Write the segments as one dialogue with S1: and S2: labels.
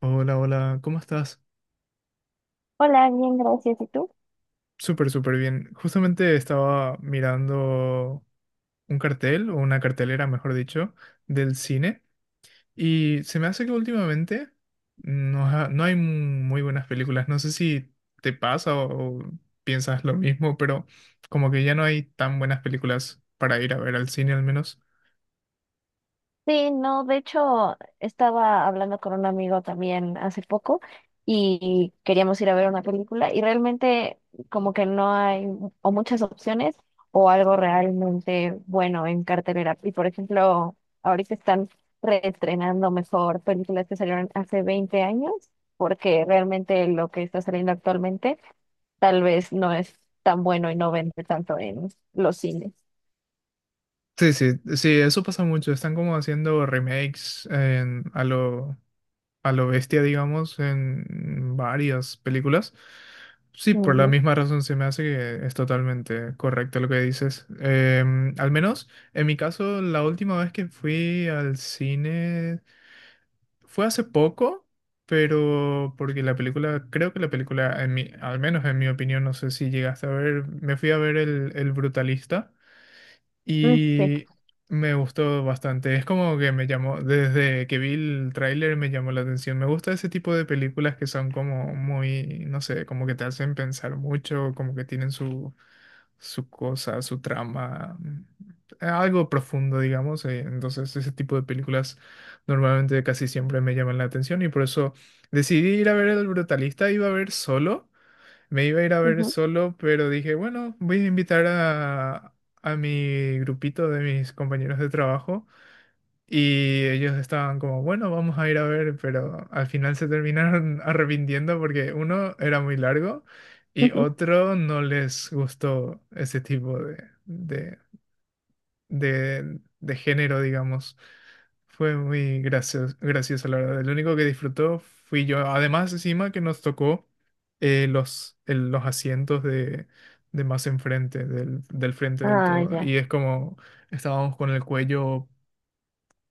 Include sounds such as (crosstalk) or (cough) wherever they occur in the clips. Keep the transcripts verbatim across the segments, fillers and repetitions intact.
S1: Hola, hola, ¿cómo estás?
S2: Hola, bien, gracias. ¿Y tú?
S1: Súper, súper bien. Justamente estaba mirando un cartel, o una cartelera, mejor dicho, del cine, y se me hace que últimamente no, ha- no hay muy buenas películas. No sé si te pasa o, o piensas lo mismo, pero como que ya no hay tan buenas películas para ir a ver al cine al menos.
S2: Sí, no, de hecho, estaba hablando con un amigo también hace poco y queríamos ir a ver una película y realmente como que no hay o muchas opciones o algo realmente bueno en cartelera. Y por ejemplo, ahorita están reestrenando mejor películas que salieron hace veinte años porque realmente lo que está saliendo actualmente tal vez no es tan bueno y no vende tanto en los cines.
S1: Sí, sí, sí, eso pasa mucho. Están como haciendo remakes en- a lo, a lo bestia, digamos, en varias películas. Sí, por la
S2: Ujú.
S1: misma razón se me hace que es totalmente correcto lo que dices. Em, al menos en mi caso, la última vez que fui al cine fue hace poco, pero porque la película, creo que la película, en mi, al menos en mi opinión, no sé si llegaste a ver, me fui a ver El, el Brutalista.
S2: Mm, sí.
S1: Y me gustó bastante. Es como que me llamó, desde que vi el tráiler me llamó la atención. Me gusta ese tipo de películas que son como muy, no sé, como que te hacen pensar mucho, como que tienen su, su cosa, su trama, eh, algo profundo, digamos. eh, Entonces ese tipo de películas normalmente casi siempre me llaman la atención y por eso decidí ir a ver El Brutalista. Iba a ver solo. Me iba a ir a ver solo, pero dije, bueno, voy a invitar a, a mi grupito de mis compañeros de trabajo. Y ellos estaban como, bueno, vamos a ir a ver, pero al final se terminaron (laughs) arrepintiendo porque uno era muy largo
S2: (laughs)
S1: y
S2: Ujú.
S1: otro no les gustó ese tipo de, de de, de género, digamos. Fue muy gracioso, gracioso, la verdad. Lo único que disfrutó fui yo. Además, encima que nos tocó eh, los, el- los asientos de, de más enfrente, del, del frente del
S2: Ah,
S1: todo.
S2: ya.
S1: Y es como estábamos con el cuello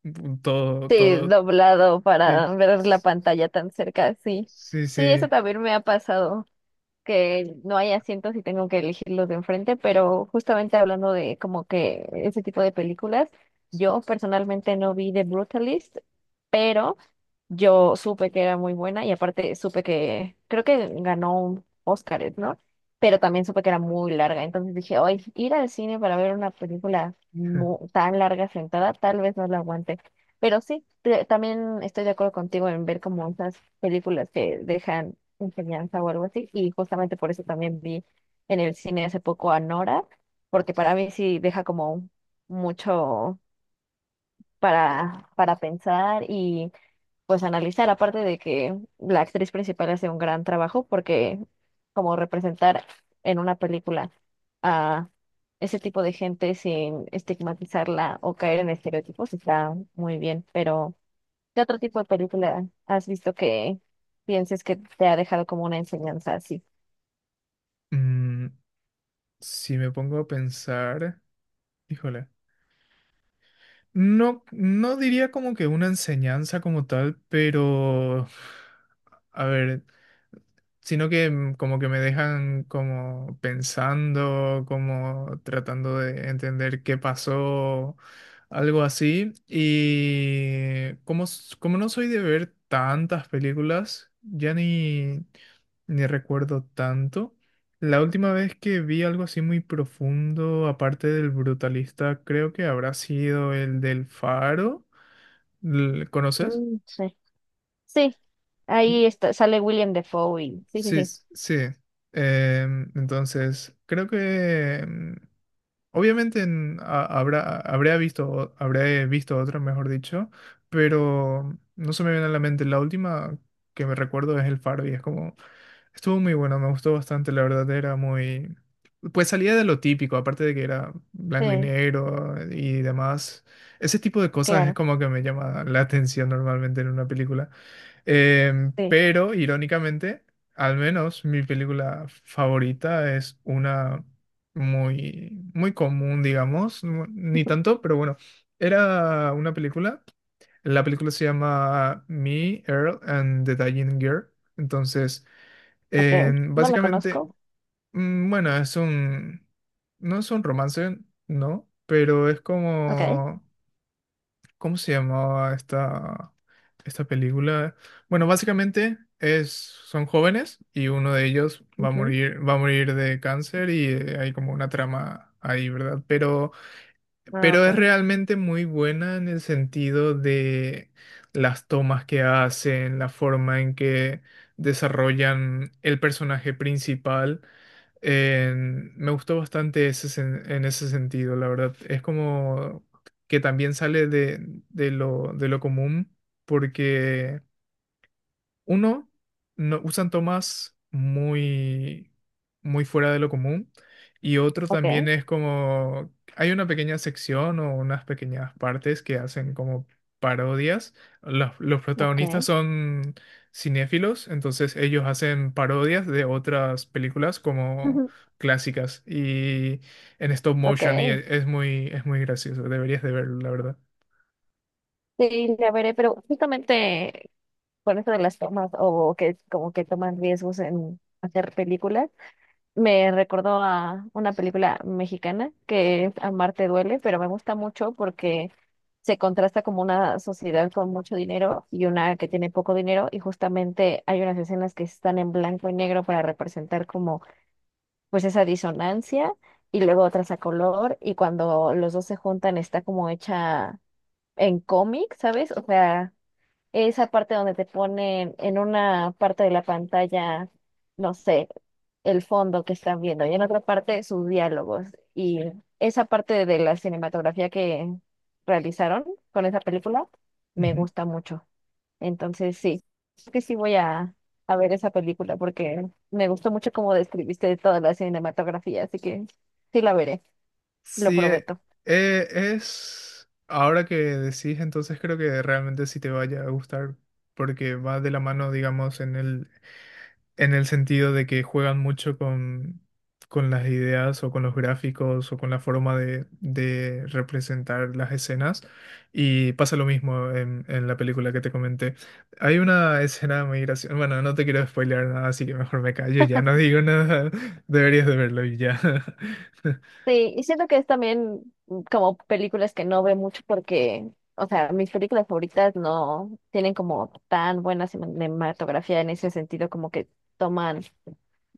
S1: mm, todo,
S2: Sí,
S1: todo.
S2: doblado
S1: Sí,
S2: para ver la pantalla tan cerca, sí.
S1: sí,
S2: Sí,
S1: sí.
S2: eso también me ha pasado, que no hay asientos y tengo que elegir los de enfrente, pero justamente hablando de como que ese tipo de películas, yo personalmente no vi The Brutalist, pero yo supe que era muy buena y aparte supe que creo que ganó un Óscar, ¿no? Pero también supe que era muy larga. Entonces dije, hoy ir al cine para ver una película mu- tan larga sentada, tal vez no la aguante. Pero sí, te- también estoy de acuerdo contigo en ver como esas películas que dejan enseñanza o algo así. Y justamente por eso también vi en el cine hace poco a Nora, porque para mí sí deja como mucho para, para pensar pues analizar, aparte de que la actriz principal hace un gran trabajo, porque como representar en una película a ese tipo de gente sin estigmatizarla o caer en estereotipos está muy bien, pero ¿qué otro tipo de película has visto que pienses que te ha dejado como una enseñanza así?
S1: Mm, si me pongo a pensar, híjole. No, no diría como que una enseñanza como tal, pero a ver, sino que mm, como que me dejan como pensando, como tratando de entender qué pasó, algo así. Y como, s- como no soy de ver tantas películas, ya ni, ni recuerdo tanto. La última vez que vi algo así muy profundo, aparte del brutalista, creo que habrá sido el del Faro. ¿L- ¿Conoces?
S2: Mm, sí. Sí,
S1: Mm.
S2: ahí está, sale William Defoe y sí, sí,
S1: Sí,
S2: sí,
S1: s- sí. Em, entonces, creo que em, obviamente en- ha- habrá, habría visto, o- habré visto otra, mejor dicho, pero no se me viene a la mente. La última que me recuerdo es el Faro y es como... Estuvo muy bueno, me gustó bastante, la verdad, era muy... Pues salía de lo típico, aparte de que era blanco y
S2: sí,
S1: negro y demás. Ese tipo de cosas es
S2: claro,
S1: como que me llama la atención normalmente en una película. Em,
S2: sí,
S1: pero, irónicamente, al menos mi película favorita es una muy, muy común, digamos. no- Ni tanto, pero bueno. Era una película. La película se llama Me, Earl and the Dying Girl. Entonces...
S2: ok,
S1: Eh,
S2: no la
S1: básicamente,
S2: conozco,
S1: mm, bueno, es un, no es un romance, ¿no? Pero es
S2: ok,
S1: como, ¿cómo se llamaba esta, esta película? Bueno, básicamente es, son jóvenes y uno de ellos va a
S2: ujú,
S1: morir, va a morir de cáncer y eh, hay como una trama ahí, ¿verdad? Pero,
S2: ah,
S1: pero es
S2: ok,
S1: realmente muy buena en el sentido de las tomas que hacen, la forma en que desarrollan el personaje principal en- me gustó bastante ese sen- en ese sentido, la verdad. Es como que también sale de, de lo, de lo común, porque uno, no, usan tomas muy, muy fuera de lo común. Y otro también
S2: ok.
S1: es como, hay una pequeña sección o unas pequeñas partes que hacen como parodias. Los, los protagonistas
S2: Okay.
S1: son cinéfilos, entonces ellos hacen parodias de otras películas como
S2: Ujú.
S1: clásicas y en stop motion y
S2: Okay.
S1: e- es muy, es muy gracioso. Deberías de verlo, la verdad.
S2: Sí, la veré, pero justamente con esto de las tomas o que como que toman riesgos en hacer películas, me recordó a una película mexicana que es Amarte duele, pero me gusta mucho porque se contrasta como una sociedad con mucho dinero y una que tiene poco dinero y justamente hay unas escenas que están en blanco y negro para representar como pues esa disonancia y luego otras a color y cuando los dos se juntan está como hecha en cómic, ¿sabes? O sea, esa parte donde te ponen en una parte de la pantalla, no sé, el fondo que están viendo y en otra parte sus diálogos. Y esa parte de la cinematografía que realizaron con esa película me
S1: Ujú.
S2: gusta mucho. Entonces, sí, creo que sí voy a, a ver esa película porque me gustó mucho cómo describiste toda la cinematografía, así que sí la veré, lo
S1: Sí, eh,
S2: prometo.
S1: eh, es... Ahora que decís, entonces creo que realmente sí te vaya a gustar, porque va de la mano, digamos, en el, en el sentido de que juegan mucho con, con las ideas o con los gráficos o con la forma de, de representar las escenas. Y pasa lo mismo en, en la película que te comenté. Hay una escena muy graciosa. Bueno, no te quiero spoilear nada, así que mejor me callo, ya no digo nada. (laughs) Deberías de verlo y ya. (laughs)
S2: Sí, y siento que es también como películas que no veo mucho porque, o sea, mis películas favoritas no tienen como tan buena cinematografía en ese sentido, como que toman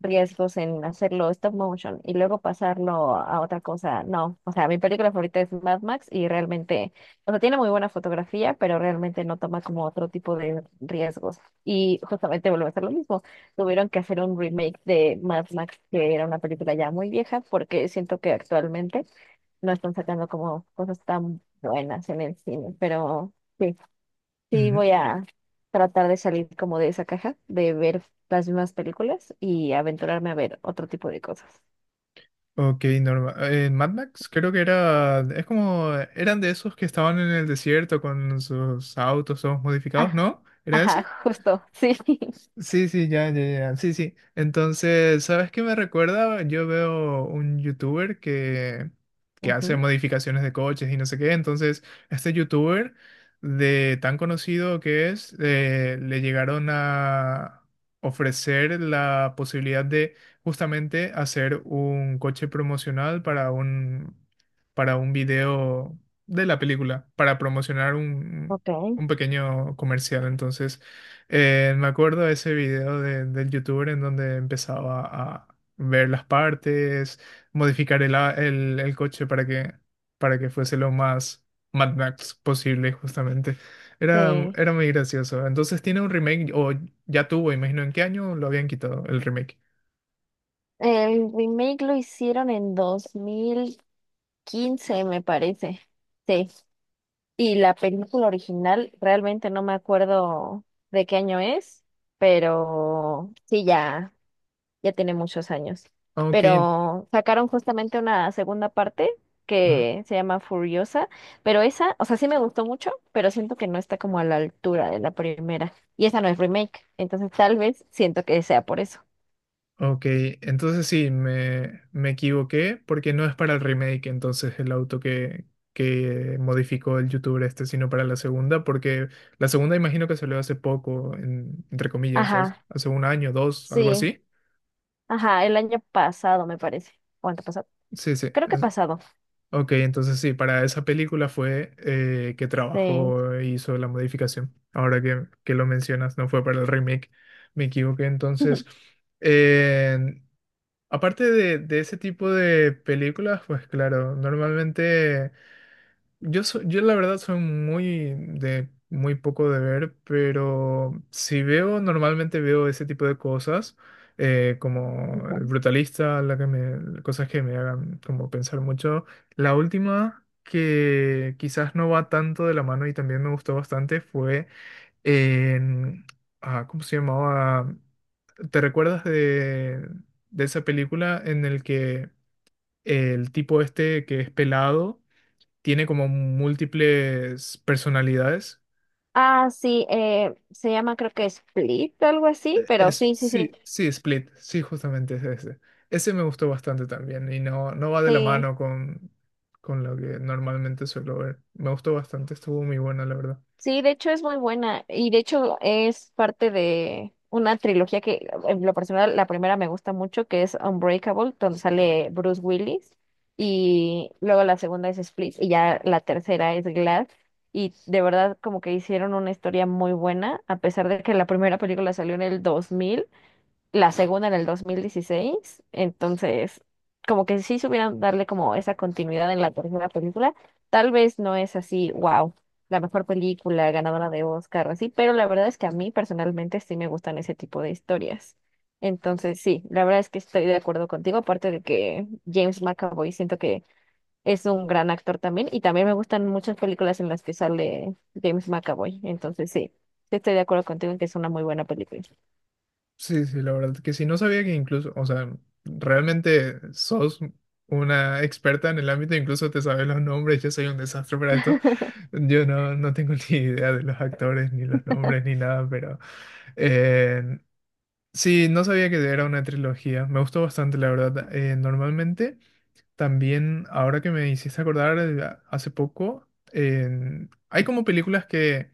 S2: riesgos en hacerlo stop motion y luego pasarlo a otra cosa. No, o sea, mi película favorita es Mad Max y realmente, o sea, tiene muy buena fotografía, pero realmente no toma como otro tipo de riesgos y justamente vuelve a ser lo mismo tuvieron que hacer un remake de Mad Max, que era una película ya muy vieja, porque siento que actualmente no están sacando como cosas tan buenas en el cine, pero sí, sí
S1: Ujú.
S2: voy a tratar de salir como de esa caja, de ver las mismas películas y aventurarme a ver otro tipo de cosas.
S1: Ok, normal. En Mad Max creo que era, es como, eran de esos que estaban en el desierto con sus autos todos modificados,
S2: Ah,
S1: ¿no? ¿Era
S2: ajá,
S1: ese?
S2: justo, sí. (laughs)
S1: Sí, sí, ya, ya, ya, sí, sí. Entonces, ¿sabes qué me recuerda? Yo veo un youtuber que, que hace
S2: Ujú,
S1: modificaciones de coches y no sé qué. Entonces, este youtuber, de tan conocido que es, eh, le llegaron a ofrecer la posibilidad de justamente hacer un coche promocional para un, para un video de la película, para promocionar un,
S2: ok,
S1: un pequeño comercial. Entonces, eh, me acuerdo de ese video de- del youtuber en donde empezaba a ver las partes, modificar el, a- el- el coche para que, para que fuese lo más Mad Max posible, justamente. Era,
S2: sí.
S1: era muy gracioso. Entonces tiene un remake, o ya tuvo, imagino en qué año lo habían quitado el remake.
S2: El remake lo hicieron en dos mil quince me parece. Sí, y la película original, realmente no me acuerdo de qué año es, pero sí, ya, ya tiene muchos años.
S1: Ah, ok,
S2: Pero sacaron justamente una segunda parte que se llama Furiosa, pero esa, o sea, sí me gustó mucho, pero siento que no está como a la altura de la primera. Y esa no es remake, entonces tal vez siento que sea por eso.
S1: ok, entonces sí, me, me equivoqué porque no es para el remake, entonces el auto que, que modificó el youtuber este, sino para la segunda, porque la segunda imagino que salió hace poco, en- entre comillas, hace
S2: Ajá,
S1: hace un año, dos, algo
S2: sí,
S1: así.
S2: ajá, el año pasado me parece, o antepasado,
S1: Sí, sí.
S2: creo que
S1: en-
S2: pasado,
S1: Ok, entonces sí, para esa película fue eh, que
S2: sí.
S1: trabajó e hizo la modificación. Ahora que, que lo mencionas, no fue para el remake, me equivoqué
S2: (laughs)
S1: entonces. Aparte de, de ese tipo de películas, pues claro, normalmente yo so- yo la verdad soy muy de muy poco de ver, pero si veo, normalmente veo ese tipo de cosas, eh, como El Brutalista, la que me, cosas que me hagan como pensar mucho. La última que quizás no va tanto de la mano y también me gustó bastante fue en- ah, ¿cómo se llamaba? ¿Te recuerdas de, de esa película en el que el tipo este que es pelado tiene como múltiples personalidades?
S2: Ah, sí, eh, se llama creo que Split, algo así, pero
S1: Es,
S2: sí, sí, sí,
S1: sí, sí, Split, sí, justamente es ese. Ese me gustó bastante también y no, no va de la
S2: sí,
S1: mano con, con lo que normalmente suelo ver. Me gustó bastante, estuvo muy buena, la verdad.
S2: sí, de hecho es muy buena y de hecho es parte de una trilogía que en lo personal la primera me gusta mucho, que es Unbreakable, donde sale Bruce Willis y luego la segunda es Split y ya la tercera es Glass y de verdad como que hicieron una historia muy buena, a pesar de que la primera película salió en el dos mil. La segunda en el dos mil dieciséis entonces como que sí supieran darle como esa continuidad en la tercera película, tal vez no es así, wow, la mejor película ganadora de Oscar o así, pero la verdad es que a mí personalmente sí me gustan ese tipo de historias. Entonces sí, la verdad es que estoy de acuerdo contigo, aparte de que James McAvoy siento que es un gran actor también y también me gustan muchas películas en las que sale James McAvoy, entonces sí, sí estoy de acuerdo contigo en que es una muy buena película.
S1: Sí, sí, la verdad que sí, no sabía que incluso, o sea, realmente sos una experta en el ámbito, incluso te sabes los nombres, yo soy un desastre para esto, yo no, no tengo (laughs) ni idea de los actores, ni los nombres, ni nada, pero eh, sí, no sabía que era una trilogía, me gustó bastante, la verdad. Eh, normalmente, también, ahora que me hiciste acordar, eh, hace poco, en- hay como películas que,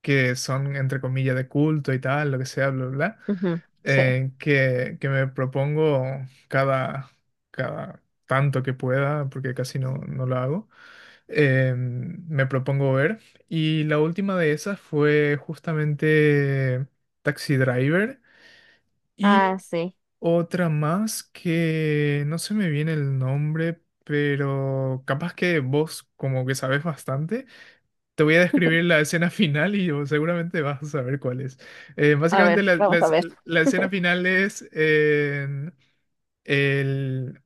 S1: que son, entre comillas, de culto y tal, lo que sea, bla, bla. Bla,
S2: Ujú, sí.
S1: eh, que, que me propongo cada, cada tanto que pueda, porque casi no, no lo hago, eh, me propongo ver. Y la última de esas fue justamente Taxi Driver
S2: Ah,
S1: y
S2: sí.
S1: otra más que no se me viene el nombre, pero capaz que vos como que sabes bastante. Te voy a describir la escena final y vos seguramente vas a saber cuál es. Eh,
S2: A
S1: básicamente
S2: ver,
S1: la, la
S2: vamos a
S1: es-
S2: ver.
S1: la escena
S2: (laughs)
S1: final es eh, el,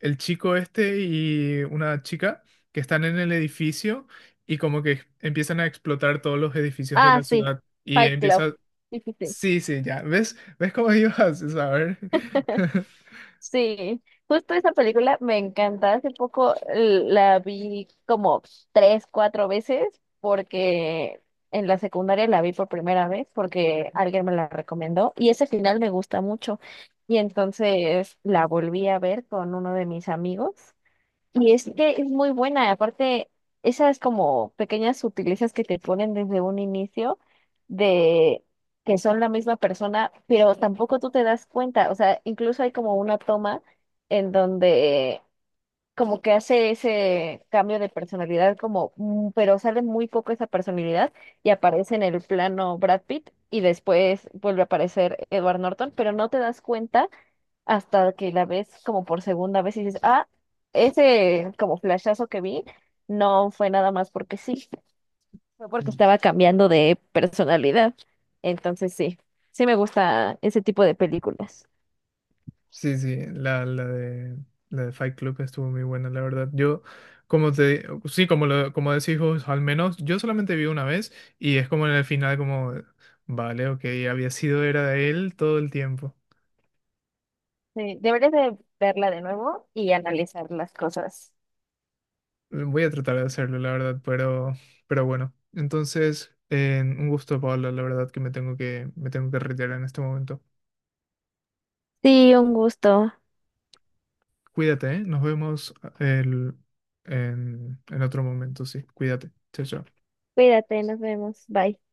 S1: el chico este y una chica que están en el edificio y como que empiezan a explotar todos los edificios de
S2: Ah,
S1: la
S2: sí.
S1: ciudad y
S2: Fight Club. (laughs)
S1: empieza...
S2: Sí, sí, sí.
S1: Sí, sí, ya. ¿Ves? ¿Ves cómo ibas a saber? (laughs)
S2: Sí, justo esa película me encanta. Hace poco l- la vi como tres, cuatro veces porque en la secundaria la vi por primera vez porque alguien me la recomendó y ese final me gusta mucho. Y entonces la volví a ver con uno de mis amigos. Y es que es muy buena, aparte, esas como pequeñas sutilezas que te ponen desde un inicio de que son la misma persona, pero tampoco tú te das cuenta, o sea, incluso hay como una toma en donde como que hace ese cambio de personalidad, como, mm, pero sale muy poco esa personalidad y aparece en el plano Brad Pitt y después vuelve a aparecer Edward Norton, pero no te das cuenta hasta que la ves como por segunda vez y dices, ah, ese como flashazo que vi no fue nada más porque sí, fue porque estaba cambiando de personalidad. Entonces sí, sí me gusta ese tipo de películas.
S1: Sí, sí, la, la de, la de Fight Club estuvo muy buena, la verdad. Yo, como te, sí, como, lo, como decís vos, al menos yo solamente vi una vez y es como en el final, como, vale, ok, había sido era de él todo el tiempo.
S2: Sí, deberías de verla de nuevo y analizar las cosas.
S1: Voy a tratar de hacerlo, la verdad, pero, pero bueno. Entonces, eh, un gusto, Pablo, la verdad que me tengo que, me tengo que retirar en este momento.
S2: Sí, un gusto.
S1: Cuídate, ¿eh? Nos vemos eh, el- en, en otro momento, sí. Cuídate. Chao, chao.
S2: Cuídate, nos vemos. Bye.